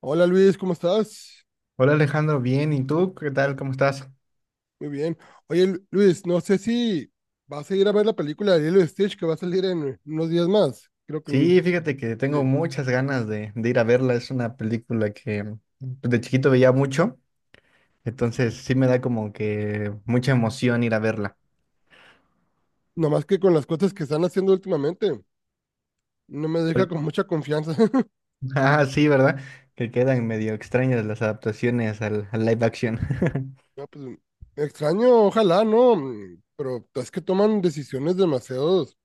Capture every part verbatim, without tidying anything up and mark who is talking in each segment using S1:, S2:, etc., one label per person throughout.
S1: Hola Luis, ¿cómo estás?
S2: Hola Alejandro, bien, ¿y tú qué tal? ¿Cómo estás?
S1: Muy bien. Oye Lu- Luis, no sé si vas a ir a ver la película de Lilo y Stitch que va a salir en unos días más. Creo que
S2: Sí,
S1: en-
S2: fíjate que tengo
S1: sí.
S2: muchas ganas de, de ir a verla. Es una película que pues, de chiquito veía mucho, entonces sí me da como que mucha emoción ir a verla.
S1: Nomás que con las cosas que están haciendo últimamente, no me deja
S2: ¿Cuál-
S1: con mucha confianza.
S2: Ah, sí, ¿verdad? Que quedan medio extrañas las adaptaciones al, al live action.
S1: No, pues, extraño, ojalá, ¿no? Mm, Pero es que toman decisiones demasiados,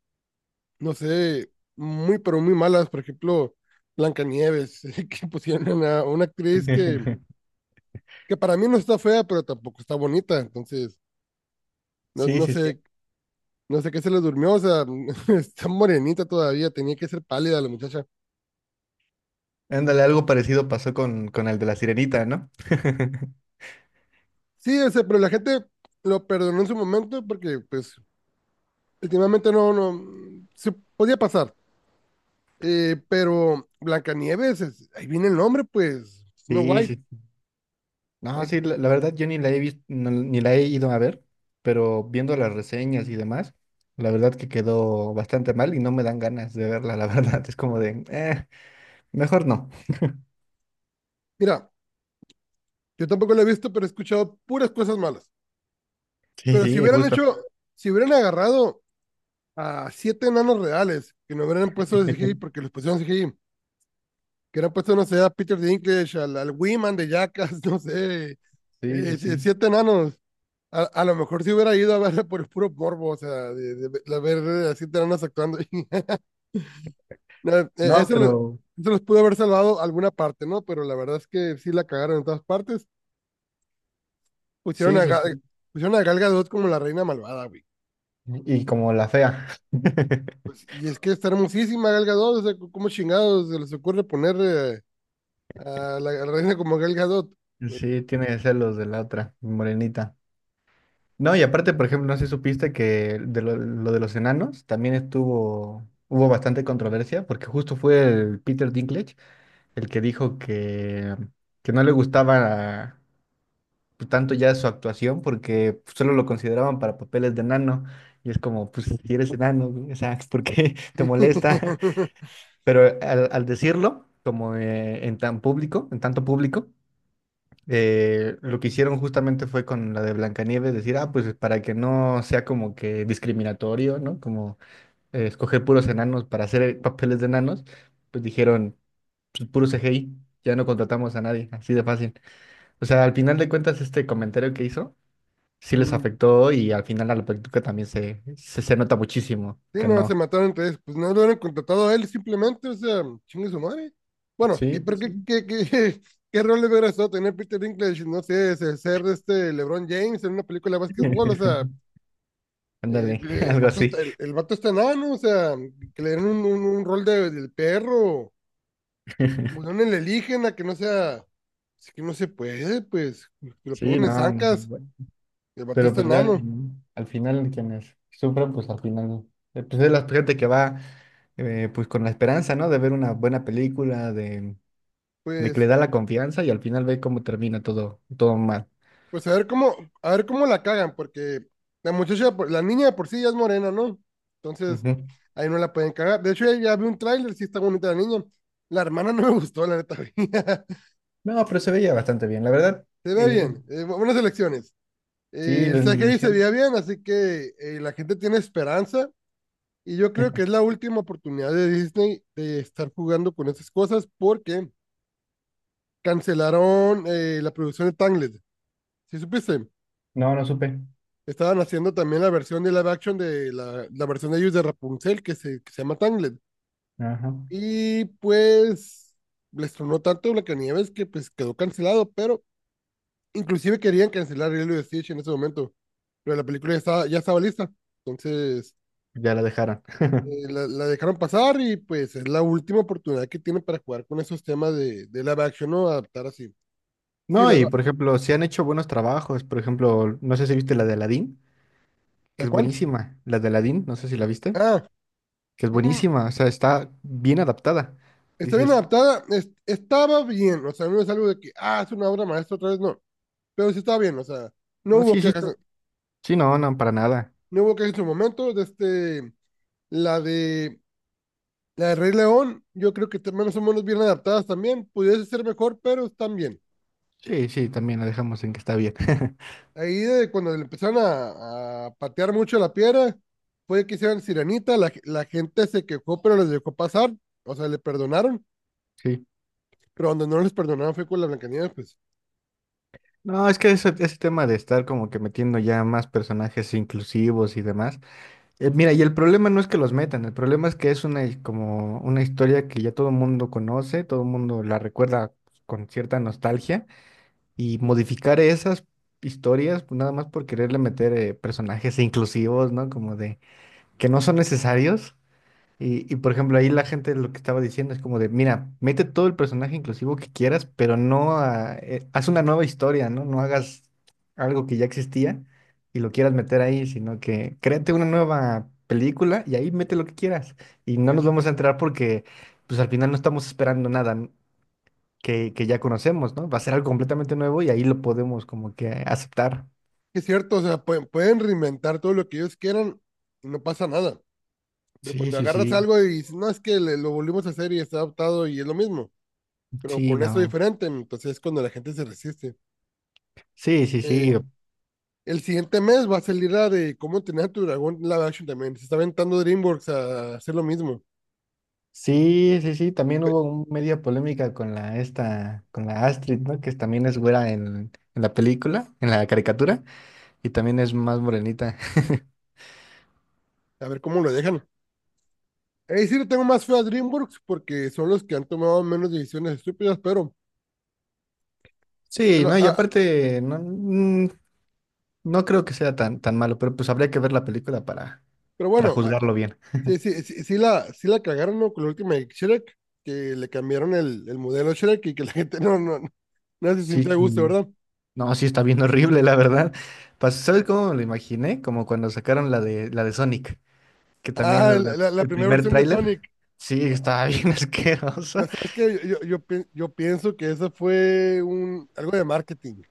S1: no sé, muy, pero muy malas. Por ejemplo, Blancanieves, que pusieron a una actriz que, que para mí no está fea, pero tampoco está bonita. Entonces, no,
S2: Sí,
S1: no
S2: sí, sí.
S1: sé No sé qué se le durmió, o sea, está morenita todavía, tenía que ser pálida la muchacha.
S2: Ándale, algo parecido pasó con, con el de la Sirenita, ¿no?
S1: Sí, o sea, pero la gente lo perdonó en su momento porque, pues, últimamente no, no, mm, se podía pasar. Eh, pero Blancanieves, es- ahí viene el nombre, pues, Snow
S2: Sí,
S1: White.
S2: sí. No,
S1: Ahí-
S2: sí, la, la verdad yo ni la he visto, ni la he ido a ver, pero viendo las reseñas y demás, la verdad que quedó bastante mal y no me dan ganas de verla, la verdad. Es como de, eh, mejor no.
S1: mira, yo tampoco lo he visto, pero he escuchado puras cosas malas.
S2: Sí,
S1: Pero si
S2: sí, es
S1: hubieran
S2: justo.
S1: hecho, si hubieran agarrado a siete enanos reales, que no hubieran puesto de C G I porque los pusieron C G I, que hubieran puesto, no sé, a Peter Dinklage, al, al Wiman de Jackass, no sé,
S2: Sí, sí,
S1: eh, si-
S2: sí.
S1: siete enanos. A, a lo mejor si hubiera ido a ver por el puro morbo, o sea, de, de- de ver eh, a siete enanos actuando. No, eh,
S2: No,
S1: eso, lo- eso
S2: pero
S1: los pudo haber salvado alguna parte, ¿no? Pero la verdad es que sí la cagaron en todas partes. Pusieron
S2: sí,
S1: a,
S2: sí,
S1: Ga-
S2: sí.
S1: pusieron a Gal Gadot como la reina malvada, güey.
S2: Y como la fea.
S1: Pues, y es que está hermosísima Gal Gadot, o sea, c- ¿cómo chingados se les ocurre poner eh, a la, a la reina como Gal Gadot?
S2: Sí, tiene que ser los de la otra, morenita. No, y aparte, por ejemplo, no sé si supiste que de lo, lo de los enanos también estuvo, hubo bastante controversia, porque justo fue el Peter Dinklage el que dijo que, que no le gustaba pues, tanto ya su actuación porque solo lo consideraban para papeles de enano. Y es como, pues si eres enano, güey, o sea, ¿por qué te molesta? Pero al, al decirlo, como eh, en tan público, en tanto público, eh, lo que hicieron justamente fue con la de Blancanieves decir, ah, pues para que no sea como que discriminatorio, ¿no? Como eh, escoger puros enanos para hacer eh, papeles de enanos, pues dijeron pues, puro C G I, ya no contratamos a nadie, así de fácil. O sea, al final de cuentas, este comentario que hizo sí les
S1: Mm.
S2: afectó y al final a la práctica también se, se, se nota muchísimo
S1: Sí,
S2: que
S1: no, se
S2: no.
S1: mataron entre ellos. Pues no lo hubieran contratado a él simplemente, o sea, chingue su madre. Bueno, ¿qué-
S2: Sí, sí
S1: pero qué,
S2: sí.
S1: qué, qué, qué rol le hubiera estado tener Peter Dinklage? No sé, se- ser este LeBron James en una película de básquetbol, o sea, eh,
S2: Ándale,
S1: el
S2: algo
S1: vato
S2: así.
S1: está, el, el vato está enano, o sea, que le den un, un, un rol de, del perro, o no le eligen a que no sea, es que no se puede, pues, que lo
S2: Sí,
S1: pongan en
S2: no, no se
S1: zancas,
S2: puede.
S1: el vato
S2: Pero
S1: está
S2: pues ve al
S1: enano,
S2: final, al final quienes sufren, pues al final, eh, pues es la gente que va eh, pues con la esperanza, ¿no? De ver una buena película, de, de que le
S1: pues.
S2: da la confianza y al final ve cómo termina todo, todo mal.
S1: Pues a ver cómo, a ver cómo la cagan, porque la muchacha, por- la niña de por sí ya es morena, ¿no? Entonces,
S2: Ujú.
S1: ahí no la pueden cagar. De hecho, ya, ya vi un tráiler, sí está bonita la niña. La hermana no me gustó, la neta.
S2: No, pero se veía bastante bien, la verdad.
S1: Se
S2: Y,
S1: ve
S2: y-
S1: bien, eh, bu- buenas elecciones.
S2: sí,
S1: Eh,
S2: la
S1: el Zachary se
S2: animación.
S1: veía bien, así que eh, la gente tiene esperanza. Y yo creo que es la última oportunidad de Disney de estar jugando con esas cosas porque cancelaron eh, la producción de Tangled. ¿Sí supiste?
S2: No, no supe.
S1: Estaban haciendo también la versión de live action de la, la versión de ellos de Rapunzel, que se, que se llama Tangled.
S2: Ajá.
S1: Y pues les tronó tanto Blancanieves que pues quedó cancelado, pero inclusive querían cancelar Lilo y Stitch en ese momento. Pero la película ya estaba, ya estaba lista. Entonces
S2: Ya la dejaron.
S1: eh, la, la dejaron pasar y pues es la última oportunidad que tienen para jugar con esos temas de, de live action, ¿no? Adaptar así. Sí,
S2: No,
S1: la,
S2: y por ejemplo, se han hecho buenos trabajos. Por ejemplo, no sé si viste la de Aladdin, que
S1: la
S2: es
S1: cual.
S2: buenísima. La de Aladdin, no sé si la viste,
S1: Ah,
S2: que es
S1: mm,
S2: buenísima. O sea, está bien adaptada.
S1: está bien
S2: Dices,
S1: adaptada. Es- estaba bien. O sea, no es algo de que, ah, es una obra maestra otra vez, no. Pero sí estaba bien, o sea, no
S2: no,
S1: hubo
S2: sí, sí,
S1: quejas,
S2: está- sí, no, no, para nada.
S1: no hubo quejas en su momento, de este, la de, la de Rey León, yo creo que te- menos o menos bien adaptadas también, pudiese ser mejor, pero están bien.
S2: Sí, sí, también la dejamos en que está bien.
S1: Ahí de cuando le empezaron a, a patear mucho la piedra, fue que hicieron Sirenita, la, la gente se quejó, pero les dejó pasar, o sea, le perdonaron,
S2: Sí.
S1: pero donde no les perdonaron fue con la Blancanieves, pues,
S2: No, es que ese, ese tema de estar como que metiendo ya más personajes inclusivos y demás, eh, mira, y el problema no es que los metan, el problema es que es una, hi- como una historia que ya todo el mundo conoce, todo el mundo la recuerda con cierta nostalgia, y modificar esas historias pues, nada más por quererle meter eh, personajes inclusivos, ¿no? Como de que no son necesarios, y, y por ejemplo, ahí la gente lo que estaba diciendo es como de, mira, mete todo el personaje inclusivo que quieras, pero no a- eh, haz una nueva historia, ¿no? No hagas algo que ya existía y lo quieras meter ahí, sino que créate una nueva película y ahí mete lo que quieras. Y no
S1: pues
S2: nos
S1: sí.
S2: vamos a enterar porque, pues al final no estamos esperando nada n- que, que ya conocemos, ¿no? Va a ser algo completamente nuevo y ahí lo podemos como que aceptar.
S1: Es cierto, o sea, pueden, pueden reinventar todo lo que ellos quieran y no pasa nada. Pero
S2: Sí,
S1: cuando
S2: sí,
S1: agarras
S2: sí,
S1: algo y dices, no, es que le- lo volvimos a hacer y está adaptado y es lo mismo, pero
S2: sí,
S1: con eso
S2: no.
S1: diferente, entonces es cuando la gente se resiste.
S2: Sí, sí, sí.
S1: Eh, el siguiente mes va a salir la de cómo entrenar a tu dragón live action también. Se está aventando DreamWorks a hacer lo mismo.
S2: Sí, sí, sí, también
S1: Pe-
S2: hubo un- media polémica con la esta, con la Astrid, ¿no? Que también es güera en, en la película, en la caricatura, y también es más morenita.
S1: A ver cómo lo dejan. Ahí sí le tengo más fe a DreamWorks porque son los que han tomado menos decisiones estúpidas, pero,
S2: Sí,
S1: pero,
S2: no, y
S1: ah,
S2: aparte, no, mm, no creo que sea tan, tan malo, pero pues habría que ver la película para,
S1: pero
S2: para
S1: bueno, ah,
S2: juzgarlo bien.
S1: sí, sí, sí, sí la, sí la cagaron, ¿no? Con la última de Shrek, que le cambiaron el, el modelo Shrek y que la gente no, no, no se
S2: Sí,
S1: sintió a gusto,
S2: sí.
S1: ¿verdad?
S2: No, sí está bien horrible, la verdad. Pues, ¿sabes cómo me lo imaginé? Como cuando sacaron la de la de Sonic, que
S1: Ah,
S2: también la-
S1: la, la- la
S2: el
S1: primera
S2: primer
S1: versión de Sonic.
S2: tráiler, sí, estaba bien asqueroso.
S1: Ya sabes que yo, yo, yo pi- yo pienso que eso fue un, algo de marketing,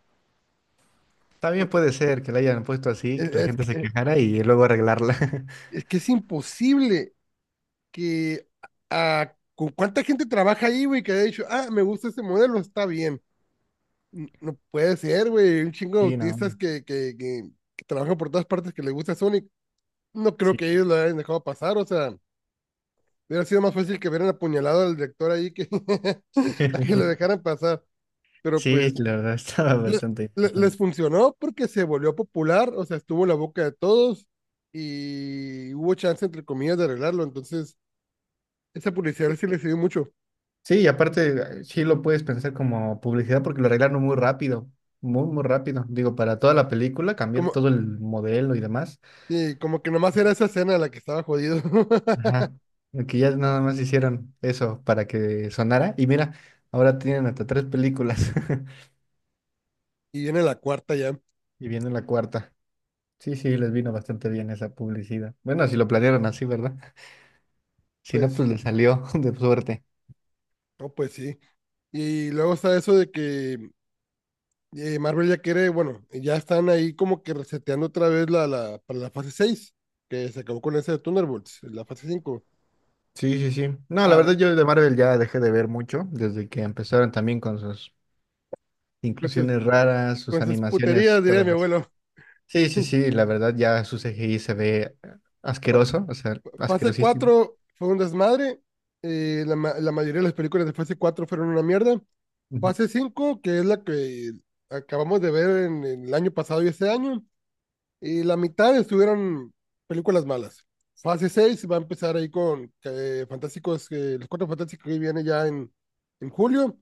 S2: También
S1: porque
S2: puede ser que la hayan puesto así,
S1: es,
S2: que la
S1: es
S2: gente
S1: que,
S2: se
S1: e,
S2: quejara y luego arreglarla.
S1: es que es imposible que a, con cuánta gente trabaja ahí, güey, que haya dicho, ah, me gusta ese modelo, está bien. N- No puede ser, güey, un chingo de
S2: Sí, no.
S1: autistas que, que, que, que trabajan por todas partes que les gusta Sonic. No creo
S2: Sí.
S1: que ellos lo hayan dejado pasar, o sea, hubiera sido más fácil que hubieran apuñalado al director ahí que, a que lo dejaran pasar, pero
S2: Sí,
S1: pues...
S2: la verdad estaba
S1: le-
S2: bastante
S1: le- les
S2: interesante.
S1: funcionó porque se volvió popular, o sea, estuvo en la boca de todos y hubo chance, entre comillas, de arreglarlo. Entonces, esa publicidad sí le sirvió mucho.
S2: Sí, y aparte, eh, sí lo puedes pensar como publicidad porque lo arreglaron muy rápido. Muy, muy rápido. Digo, para toda la película, cambiar
S1: Como,
S2: todo el modelo y demás.
S1: y como que nomás era esa escena la que estaba jodido.
S2: Ajá. Que ya nada más hicieron eso para que sonara. Y mira, ahora tienen hasta tres películas.
S1: Y viene la cuarta ya.
S2: Y viene la cuarta. Sí, sí, les vino bastante bien esa publicidad. Bueno, si lo planearon así, ¿verdad? Si no,
S1: Pues,
S2: pues le salió de suerte.
S1: no, pues sí. Y luego está eso de que eh, Marvel ya quiere, bueno, ya están ahí como que reseteando otra vez la, la, para la fase seis que se acabó con ese de Thunderbolts, la fase cinco.
S2: Sí, sí, sí. No, la
S1: A ver,
S2: verdad yo de Marvel ya dejé de ver mucho desde que empezaron también con sus
S1: entonces,
S2: inclusiones raras, sus
S1: con sus
S2: animaciones
S1: puterías, diría
S2: cada
S1: mi
S2: vez.
S1: abuelo.
S2: Sí, sí, sí, la verdad ya su C G I se ve asqueroso, o sea,
S1: Fase
S2: asquerosísimo.
S1: cuatro fue un desmadre. eh, la, ma- la mayoría de las películas de fase cuatro fueron una mierda.
S2: Ujú.
S1: Fase cinco, que es la que acabamos de ver en, en el año pasado y este año, y la mitad estuvieron películas malas. Fase seis va a empezar ahí con eh, Fantásticos, eh, los cuatro fantásticos que viene ya en, en julio,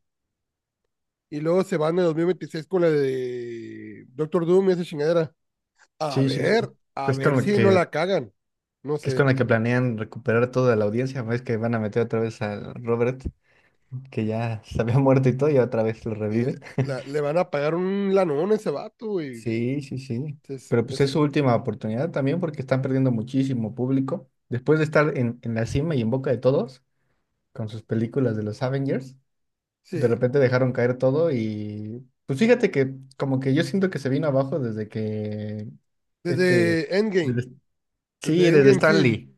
S1: y luego se van en dos mil veintiséis con la de Doctor Doom y esa chingadera. A
S2: Sí, sí, sí.
S1: ver, a
S2: Es con
S1: ver
S2: lo
S1: si no
S2: que,
S1: la cagan. No
S2: que es con
S1: sé.
S2: la que planean recuperar toda la audiencia, ves que van a meter otra vez al Robert, que ya se había muerto y todo, y otra vez lo
S1: Sí, le,
S2: reviven.
S1: la- le van a pagar un lanón a ese vato, güey.
S2: Sí, sí, sí.
S1: Es-
S2: Pero pues es su
S1: es-
S2: última oportunidad también porque están perdiendo muchísimo público. Después de estar en, en la cima y en boca de todos con sus películas de los Avengers, de
S1: sí.
S2: repente dejaron caer todo y pues fíjate que como que yo siento que se vino abajo desde que este...
S1: Desde Endgame.
S2: desde- sí,
S1: Desde
S2: desde
S1: Endgame,
S2: Stan
S1: sí. Sí.
S2: Lee.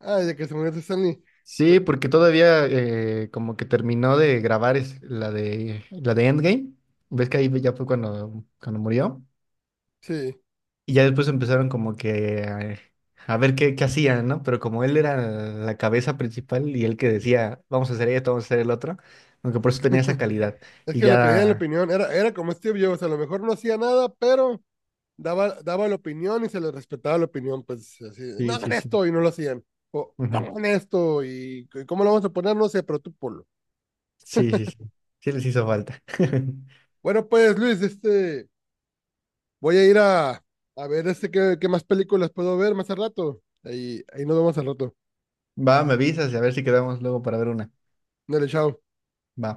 S1: Ah, desde que se murió Stanley. Pues,
S2: Sí, porque todavía eh, como que terminó de grabar es- la de, la de Endgame. ¿Ves que ahí ya fue cuando, cuando murió?
S1: sí.
S2: Y ya después empezaron como que eh, a, ver qué, qué hacían, ¿no? Pero como él era la cabeza principal y él que decía, vamos a hacer esto, vamos a hacer el otro, aunque por eso tenía esa calidad.
S1: Es
S2: Y
S1: que le pedían la
S2: ya...
S1: opinión. Era, era como Steve Jobs. A lo mejor no hacía nada, pero daba, daba la opinión y se le respetaba la opinión. Pues así, no
S2: Sí,
S1: hagan
S2: sí, sí.
S1: esto y no lo hacían. O
S2: Ujú.
S1: pongan esto y c- cómo lo vamos a poner, no sé, pero tú ponlo.
S2: Sí, sí, sí. Sí les hizo falta.
S1: Bueno, pues Luis, este, voy a ir a, a ver este qué, qué, más películas puedo ver más al rato. Ahí, ahí nos vemos al rato.
S2: Va, me avisas y a ver si quedamos luego para ver una.
S1: Dale, chao.
S2: Va.